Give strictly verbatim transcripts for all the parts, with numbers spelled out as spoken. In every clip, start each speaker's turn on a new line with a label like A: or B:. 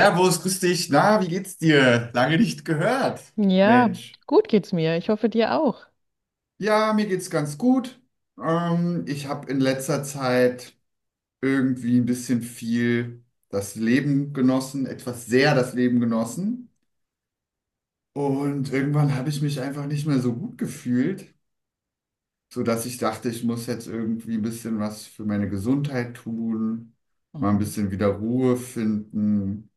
A: Servus, grüß dich. Na, wie geht's dir? Lange nicht gehört,
B: Ja,
A: Mensch.
B: gut geht's mir. Ich hoffe dir auch.
A: Ja, mir geht's ganz gut. Ähm, ich habe in letzter Zeit irgendwie ein bisschen viel das Leben genossen, etwas sehr das Leben genossen. Und irgendwann habe ich mich einfach nicht mehr so gut gefühlt, sodass ich dachte, ich muss jetzt irgendwie ein bisschen was für meine Gesundheit tun, mal ein
B: Mhm,
A: bisschen wieder Ruhe finden.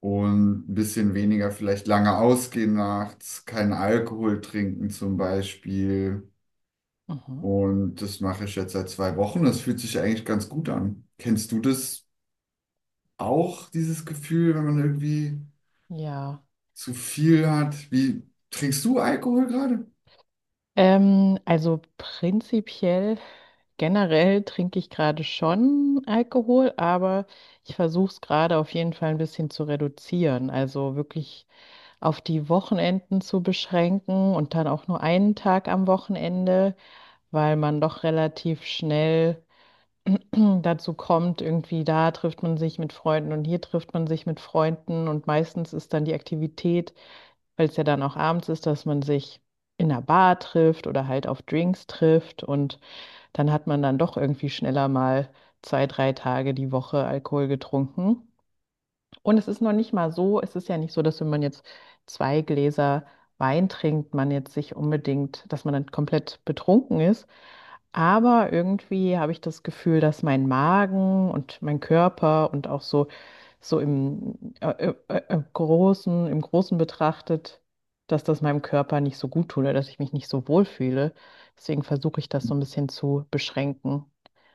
A: Und ein bisschen weniger vielleicht lange ausgehen nachts, keinen Alkohol trinken zum Beispiel.
B: mhm.
A: Und das mache ich jetzt seit zwei Wochen. Das fühlt sich eigentlich ganz gut an. Kennst du das auch, dieses Gefühl, wenn man irgendwie
B: Ja.
A: zu viel hat? Wie trinkst du Alkohol gerade?
B: Ähm, also prinzipiell, generell trinke ich gerade schon Alkohol, aber ich versuche es gerade auf jeden Fall ein bisschen zu reduzieren. Also wirklich auf die Wochenenden zu beschränken und dann auch nur einen Tag am Wochenende, weil man doch relativ schnell dazu kommt, irgendwie da trifft man sich mit Freunden und hier trifft man sich mit Freunden und meistens ist dann die Aktivität, weil es ja dann auch abends ist, dass man sich in einer Bar trifft oder halt auf Drinks trifft und dann hat man dann doch irgendwie schneller mal zwei, drei Tage die Woche Alkohol getrunken. Und es ist noch nicht mal so, es ist ja nicht so, dass, wenn man jetzt zwei Gläser Wein trinkt, man jetzt sich unbedingt, dass man dann komplett betrunken ist. Aber irgendwie habe ich das Gefühl, dass mein Magen und mein Körper und auch so, so im, äh, äh, äh, äh, großen, im Großen betrachtet, dass das meinem Körper nicht so gut tut oder dass ich mich nicht so wohl fühle. Deswegen versuche ich das so ein bisschen zu beschränken.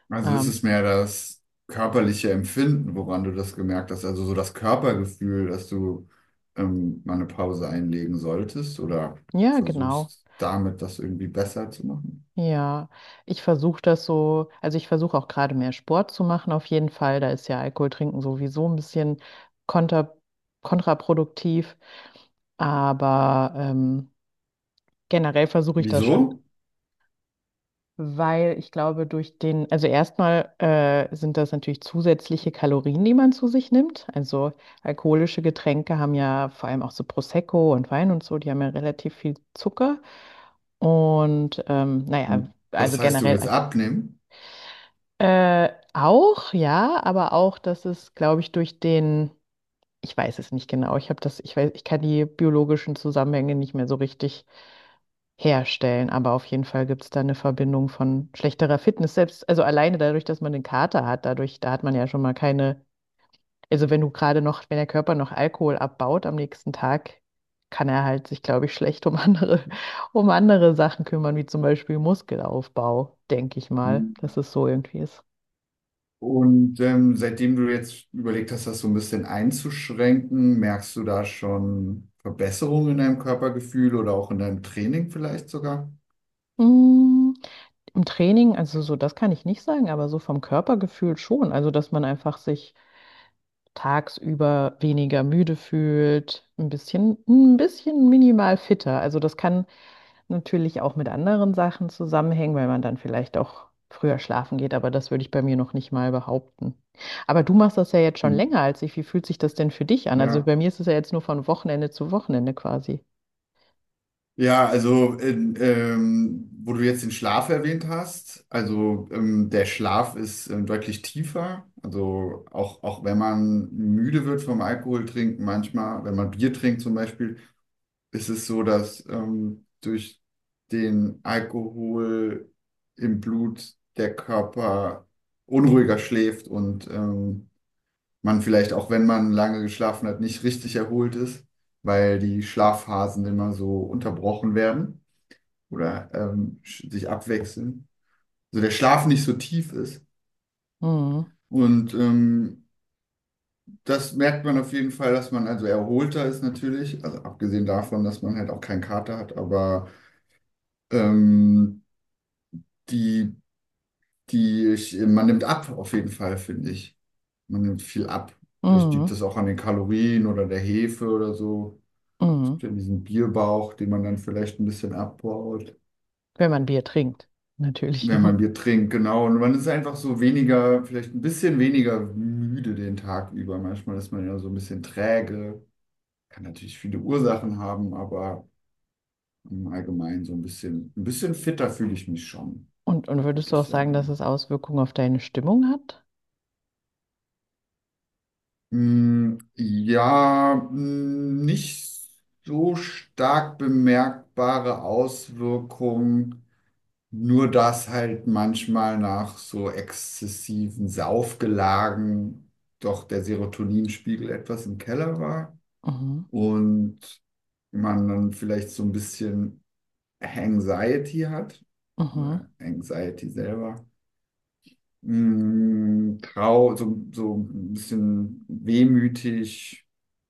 A: Also ist
B: Ähm,
A: es mehr das körperliche Empfinden, woran du das gemerkt hast, also so das Körpergefühl, dass du ähm, mal eine Pause einlegen solltest oder
B: ja, genau.
A: versuchst damit das irgendwie besser zu machen?
B: Ja, ich versuche das so, also ich versuche auch gerade mehr Sport zu machen, auf jeden Fall. Da ist ja Alkohol trinken sowieso ein bisschen konter, kontraproduktiv. Aber ähm, generell versuche ich das schon,
A: Wieso?
B: weil ich glaube, durch den, also erstmal äh, sind das natürlich zusätzliche Kalorien, die man zu sich nimmt. Also alkoholische Getränke haben ja vor allem auch so Prosecco und Wein und so, die haben ja relativ viel Zucker. Und ähm,
A: Und
B: naja, also
A: das heißt, du
B: generell.
A: willst abnehmen?
B: Äh, auch, ja, aber auch, dass es, glaube ich, durch den, ich weiß es nicht genau, ich habe das, ich weiß, ich kann die biologischen Zusammenhänge nicht mehr so richtig herstellen, aber auf jeden Fall gibt es da eine Verbindung von schlechterer Fitness, selbst, also alleine dadurch, dass man den Kater hat, dadurch, da hat man ja schon mal keine, also wenn du gerade noch, wenn der Körper noch Alkohol abbaut am nächsten Tag, kann er halt sich, glaube ich, schlecht um andere, um andere Sachen kümmern, wie zum Beispiel Muskelaufbau, denke ich mal, dass es so irgendwie ist.
A: Und ähm, seitdem du jetzt überlegt hast, das so ein bisschen einzuschränken, merkst du da schon Verbesserungen in deinem Körpergefühl oder auch in deinem Training vielleicht sogar?
B: Mm, Im Training, also so, das kann ich nicht sagen, aber so vom Körpergefühl schon. Also, dass man einfach sich tagsüber weniger müde fühlt, ein bisschen, ein bisschen minimal fitter. Also, das kann natürlich auch mit anderen Sachen zusammenhängen, weil man dann vielleicht auch früher schlafen geht, aber das würde ich bei mir noch nicht mal behaupten. Aber du machst das ja jetzt schon
A: Hm.
B: länger als ich. Wie fühlt sich das denn für dich an? Also,
A: Ja.
B: bei mir ist es ja jetzt nur von Wochenende zu Wochenende quasi.
A: Ja, also in, ähm, wo du jetzt den Schlaf erwähnt hast, also ähm, der Schlaf ist ähm, deutlich tiefer. Also auch, auch wenn man müde wird vom Alkohol trinken, manchmal, wenn man Bier trinkt zum Beispiel, ist es so, dass ähm, durch den Alkohol im Blut der Körper unruhiger schläft und ähm, man vielleicht auch, wenn man lange geschlafen hat, nicht richtig erholt ist, weil die Schlafphasen immer so unterbrochen werden oder ähm, sch- sich abwechseln. Also der Schlaf nicht so tief ist.
B: Mhm.
A: Und ähm, das merkt man auf jeden Fall, dass man also erholter ist natürlich, also abgesehen davon, dass man halt auch keinen Kater hat, aber ähm, die, die, ich, man nimmt ab, auf jeden Fall, finde ich. Man nimmt viel ab. Vielleicht liegt
B: Mhm.
A: das auch an den Kalorien oder der Hefe oder so. Es gibt
B: Mhm.
A: ja diesen Bierbauch, den man dann vielleicht ein bisschen abbaut,
B: Wenn man Bier trinkt, natürlich
A: wenn man
B: nur.
A: Bier trinkt, genau. Und man ist einfach so weniger, vielleicht ein bisschen weniger müde den Tag über. Manchmal ist man ja so ein bisschen träge. Kann natürlich viele Ursachen haben, aber im Allgemeinen so ein bisschen, ein bisschen fitter fühle ich mich schon,
B: Und, und
A: würde
B: würdest du auch
A: ich
B: sagen, dass
A: sagen.
B: es Auswirkungen auf deine Stimmung hat?
A: Mm, ja, mm, nicht so stark bemerkbare Auswirkungen, nur dass halt manchmal nach so exzessiven Saufgelagen doch der Serotoninspiegel etwas im Keller war
B: Mhm.
A: und man dann vielleicht so ein bisschen Anxiety hat
B: Mhm.
A: oder Anxiety selber mh, trau, so, so ein bisschen wehmütig.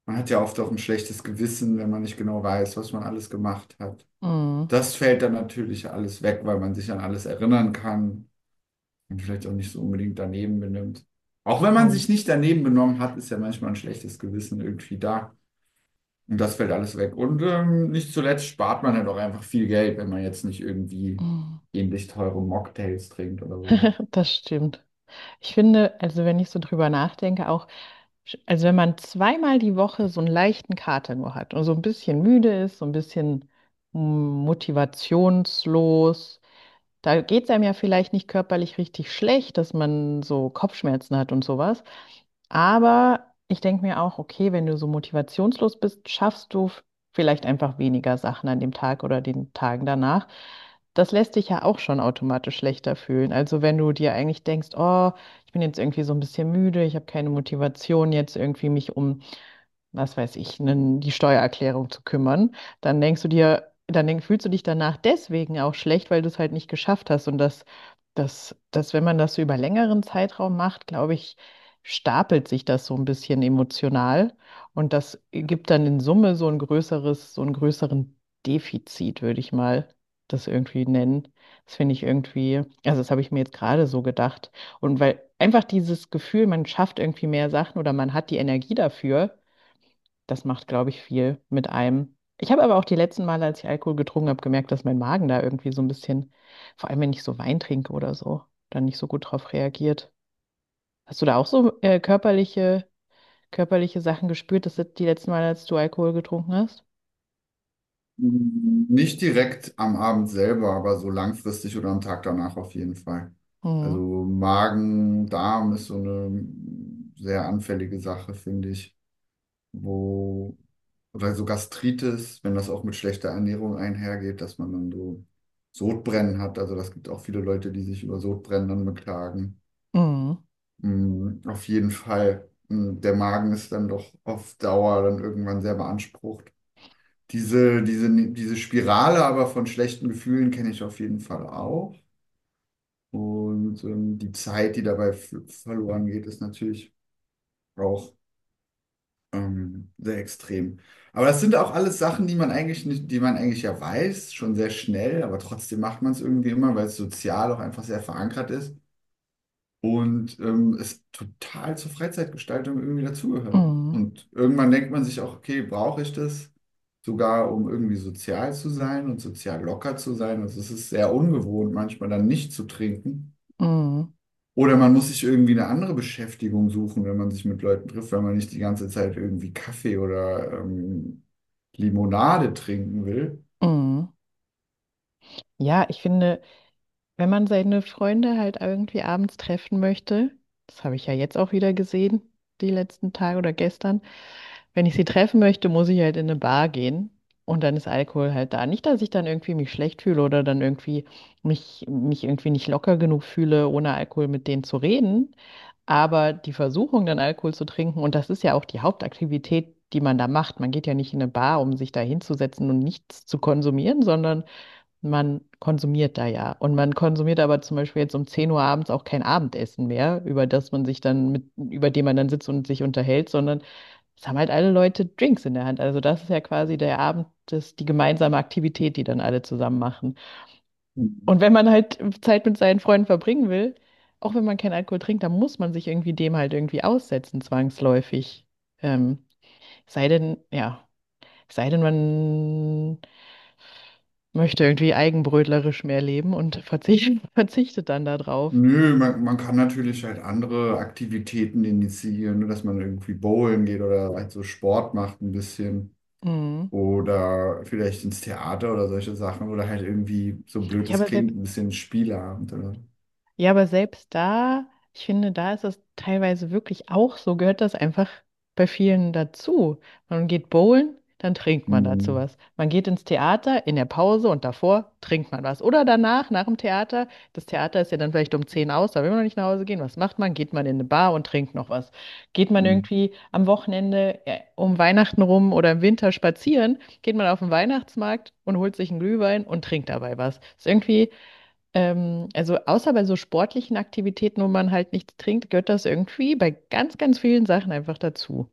A: Man hat ja oft auch ein schlechtes Gewissen, wenn man nicht genau weiß, was man alles gemacht hat.
B: Mhm.
A: Das fällt dann natürlich alles weg, weil man sich an alles erinnern kann und vielleicht auch nicht so unbedingt daneben benimmt. Auch wenn man
B: Voll.
A: sich nicht daneben benommen hat, ist ja manchmal ein schlechtes Gewissen irgendwie da. Und das fällt alles weg. Und ähm, nicht zuletzt spart man halt auch einfach viel Geld, wenn man jetzt nicht irgendwie
B: Mhm.
A: ähnlich teure Mocktails trinkt oder sowas.
B: Das stimmt. Ich finde, also wenn ich so drüber nachdenke, auch, sch- also wenn man zweimal die Woche so einen leichten Kater nur hat und so ein bisschen müde ist, so ein bisschen mm, motivationslos. Da geht es einem ja vielleicht nicht körperlich richtig schlecht, dass man so Kopfschmerzen hat und sowas. Aber ich denke mir auch, okay, wenn du so motivationslos bist, schaffst du f- vielleicht einfach weniger Sachen an dem Tag oder den Tagen danach. Das lässt dich ja auch schon automatisch schlechter fühlen. Also wenn du dir eigentlich denkst, oh, ich bin jetzt irgendwie so ein bisschen müde, ich habe keine Motivation jetzt irgendwie mich um, was weiß ich, nen- die Steuererklärung zu kümmern, dann denkst du dir, dann denk, fühlst du dich danach deswegen auch schlecht, weil du es halt nicht geschafft hast. Und das, das, das, wenn man das so über längeren Zeitraum macht, glaube ich, stapelt sich das so ein bisschen emotional. Und das gibt dann in Summe so ein größeres, so einen größeren Defizit, würde ich mal das irgendwie nennen. Das finde ich irgendwie, also das habe ich mir jetzt gerade so gedacht. Und weil einfach dieses Gefühl, man schafft irgendwie mehr Sachen oder man hat die Energie dafür, das macht, glaube ich, viel mit einem. Ich habe aber auch die letzten Male, als ich Alkohol getrunken habe, gemerkt, dass mein Magen da irgendwie so ein bisschen, vor allem wenn ich so Wein trinke oder so, dann nicht so gut drauf reagiert. Hast du da auch so äh, körperliche, körperliche Sachen gespürt, das die letzten Male, als du Alkohol getrunken hast?
A: Nicht direkt am Abend selber, aber so langfristig oder am Tag danach auf jeden Fall.
B: Mhm.
A: Also Magen, Darm ist so eine sehr anfällige Sache, finde ich, wo oder so Gastritis, wenn das auch mit schlechter Ernährung einhergeht, dass man dann so Sodbrennen hat. Also das gibt auch viele Leute, die sich über Sodbrennen dann beklagen.
B: Mhm.
A: Mm, auf jeden Fall. Mm, Der Magen ist dann doch auf Dauer dann irgendwann sehr beansprucht. Diese, diese, diese Spirale aber von schlechten Gefühlen kenne ich auf jeden Fall auch. Und ähm, die Zeit, die dabei f- verloren geht, ist natürlich auch ähm, sehr extrem. Aber das sind auch alles Sachen, die man eigentlich nicht, die man eigentlich ja weiß, schon sehr schnell, aber trotzdem macht man es irgendwie immer, weil es sozial auch einfach sehr verankert ist. Und ähm, es total zur Freizeitgestaltung irgendwie dazugehörten.
B: Mhm.
A: Und irgendwann denkt man sich auch, okay, brauche ich das sogar, um irgendwie sozial zu sein und sozial locker zu sein? Also es ist sehr ungewohnt, manchmal dann nicht zu trinken.
B: Mhm.
A: Oder man muss sich irgendwie eine andere Beschäftigung suchen, wenn man sich mit Leuten trifft, wenn man nicht die ganze Zeit irgendwie Kaffee oder ähm, Limonade trinken will.
B: Mhm. Ja, ich finde, wenn man seine Freunde halt irgendwie abends treffen möchte, das habe ich ja jetzt auch wieder gesehen, die letzten Tage oder gestern. Wenn ich sie treffen möchte, muss ich halt in eine Bar gehen und dann ist Alkohol halt da. Nicht, dass ich dann irgendwie mich schlecht fühle oder dann irgendwie mich, mich irgendwie nicht locker genug fühle, ohne Alkohol mit denen zu reden. Aber die Versuchung, dann Alkohol zu trinken, und das ist ja auch die Hauptaktivität, die man da macht. Man geht ja nicht in eine Bar, um sich da hinzusetzen und nichts zu konsumieren, sondern man konsumiert da ja. Und man konsumiert aber zum Beispiel jetzt um zehn Uhr abends auch kein Abendessen mehr, über das man sich dann mit, über dem man dann sitzt und sich unterhält, sondern es haben halt alle Leute Drinks in der Hand. Also das ist ja quasi der Abend, das, die gemeinsame Aktivität, die dann alle zusammen machen. Und wenn man halt Zeit mit seinen Freunden verbringen will, auch wenn man keinen Alkohol trinkt, dann muss man sich irgendwie dem halt irgendwie aussetzen, zwangsläufig. Ähm, sei denn, ja, sei denn, man möchte irgendwie eigenbrötlerisch mehr leben und verzichtet, verzichtet dann darauf.
A: Nö, man, man kann natürlich halt andere Aktivitäten initiieren, ne, dass man irgendwie bowlen geht oder halt so Sport macht ein bisschen
B: Mhm.
A: oder vielleicht ins Theater oder solche Sachen oder halt irgendwie, so blöd
B: Ja,
A: es
B: aber
A: klingt,
B: selbst
A: ein bisschen Spieleabend oder.
B: Ja, aber selbst da, ich finde, da ist es teilweise wirklich auch so, gehört das einfach bei vielen dazu. Man geht bowlen, dann trinkt man dazu
A: Hm,
B: was. Man geht ins Theater in der Pause und davor trinkt man was. Oder danach, nach dem Theater, das Theater ist ja dann vielleicht um zehn aus, da will man noch nicht nach Hause gehen. Was macht man? Geht man in eine Bar und trinkt noch was. Geht man
A: hm,
B: irgendwie am Wochenende äh, um Weihnachten rum oder im Winter spazieren, geht man auf den Weihnachtsmarkt und holt sich einen Glühwein und trinkt dabei was. Ist irgendwie ähm, also außer bei so sportlichen Aktivitäten, wo man halt nichts trinkt, gehört das irgendwie bei ganz, ganz vielen Sachen einfach dazu.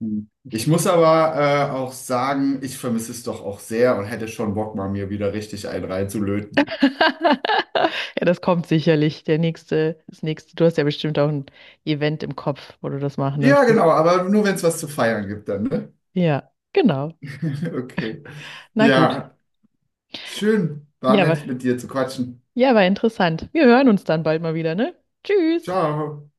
A: hm. Ich muss aber äh, auch sagen, ich vermisse es doch auch sehr und hätte schon Bock, mal mir wieder richtig einen reinzulöten.
B: Ja, das kommt sicherlich. Der nächste, das nächste. Du hast ja bestimmt auch ein Event im Kopf, wo du das machen
A: Ja,
B: möchtest.
A: genau, aber nur wenn es was zu feiern gibt dann, ne?
B: Ja, genau.
A: Okay.
B: Na gut.
A: Ja, schön, war
B: Ja, war,
A: nett mit dir zu quatschen.
B: ja, war interessant. Wir hören uns dann bald mal wieder, ne? Tschüss.
A: Ciao.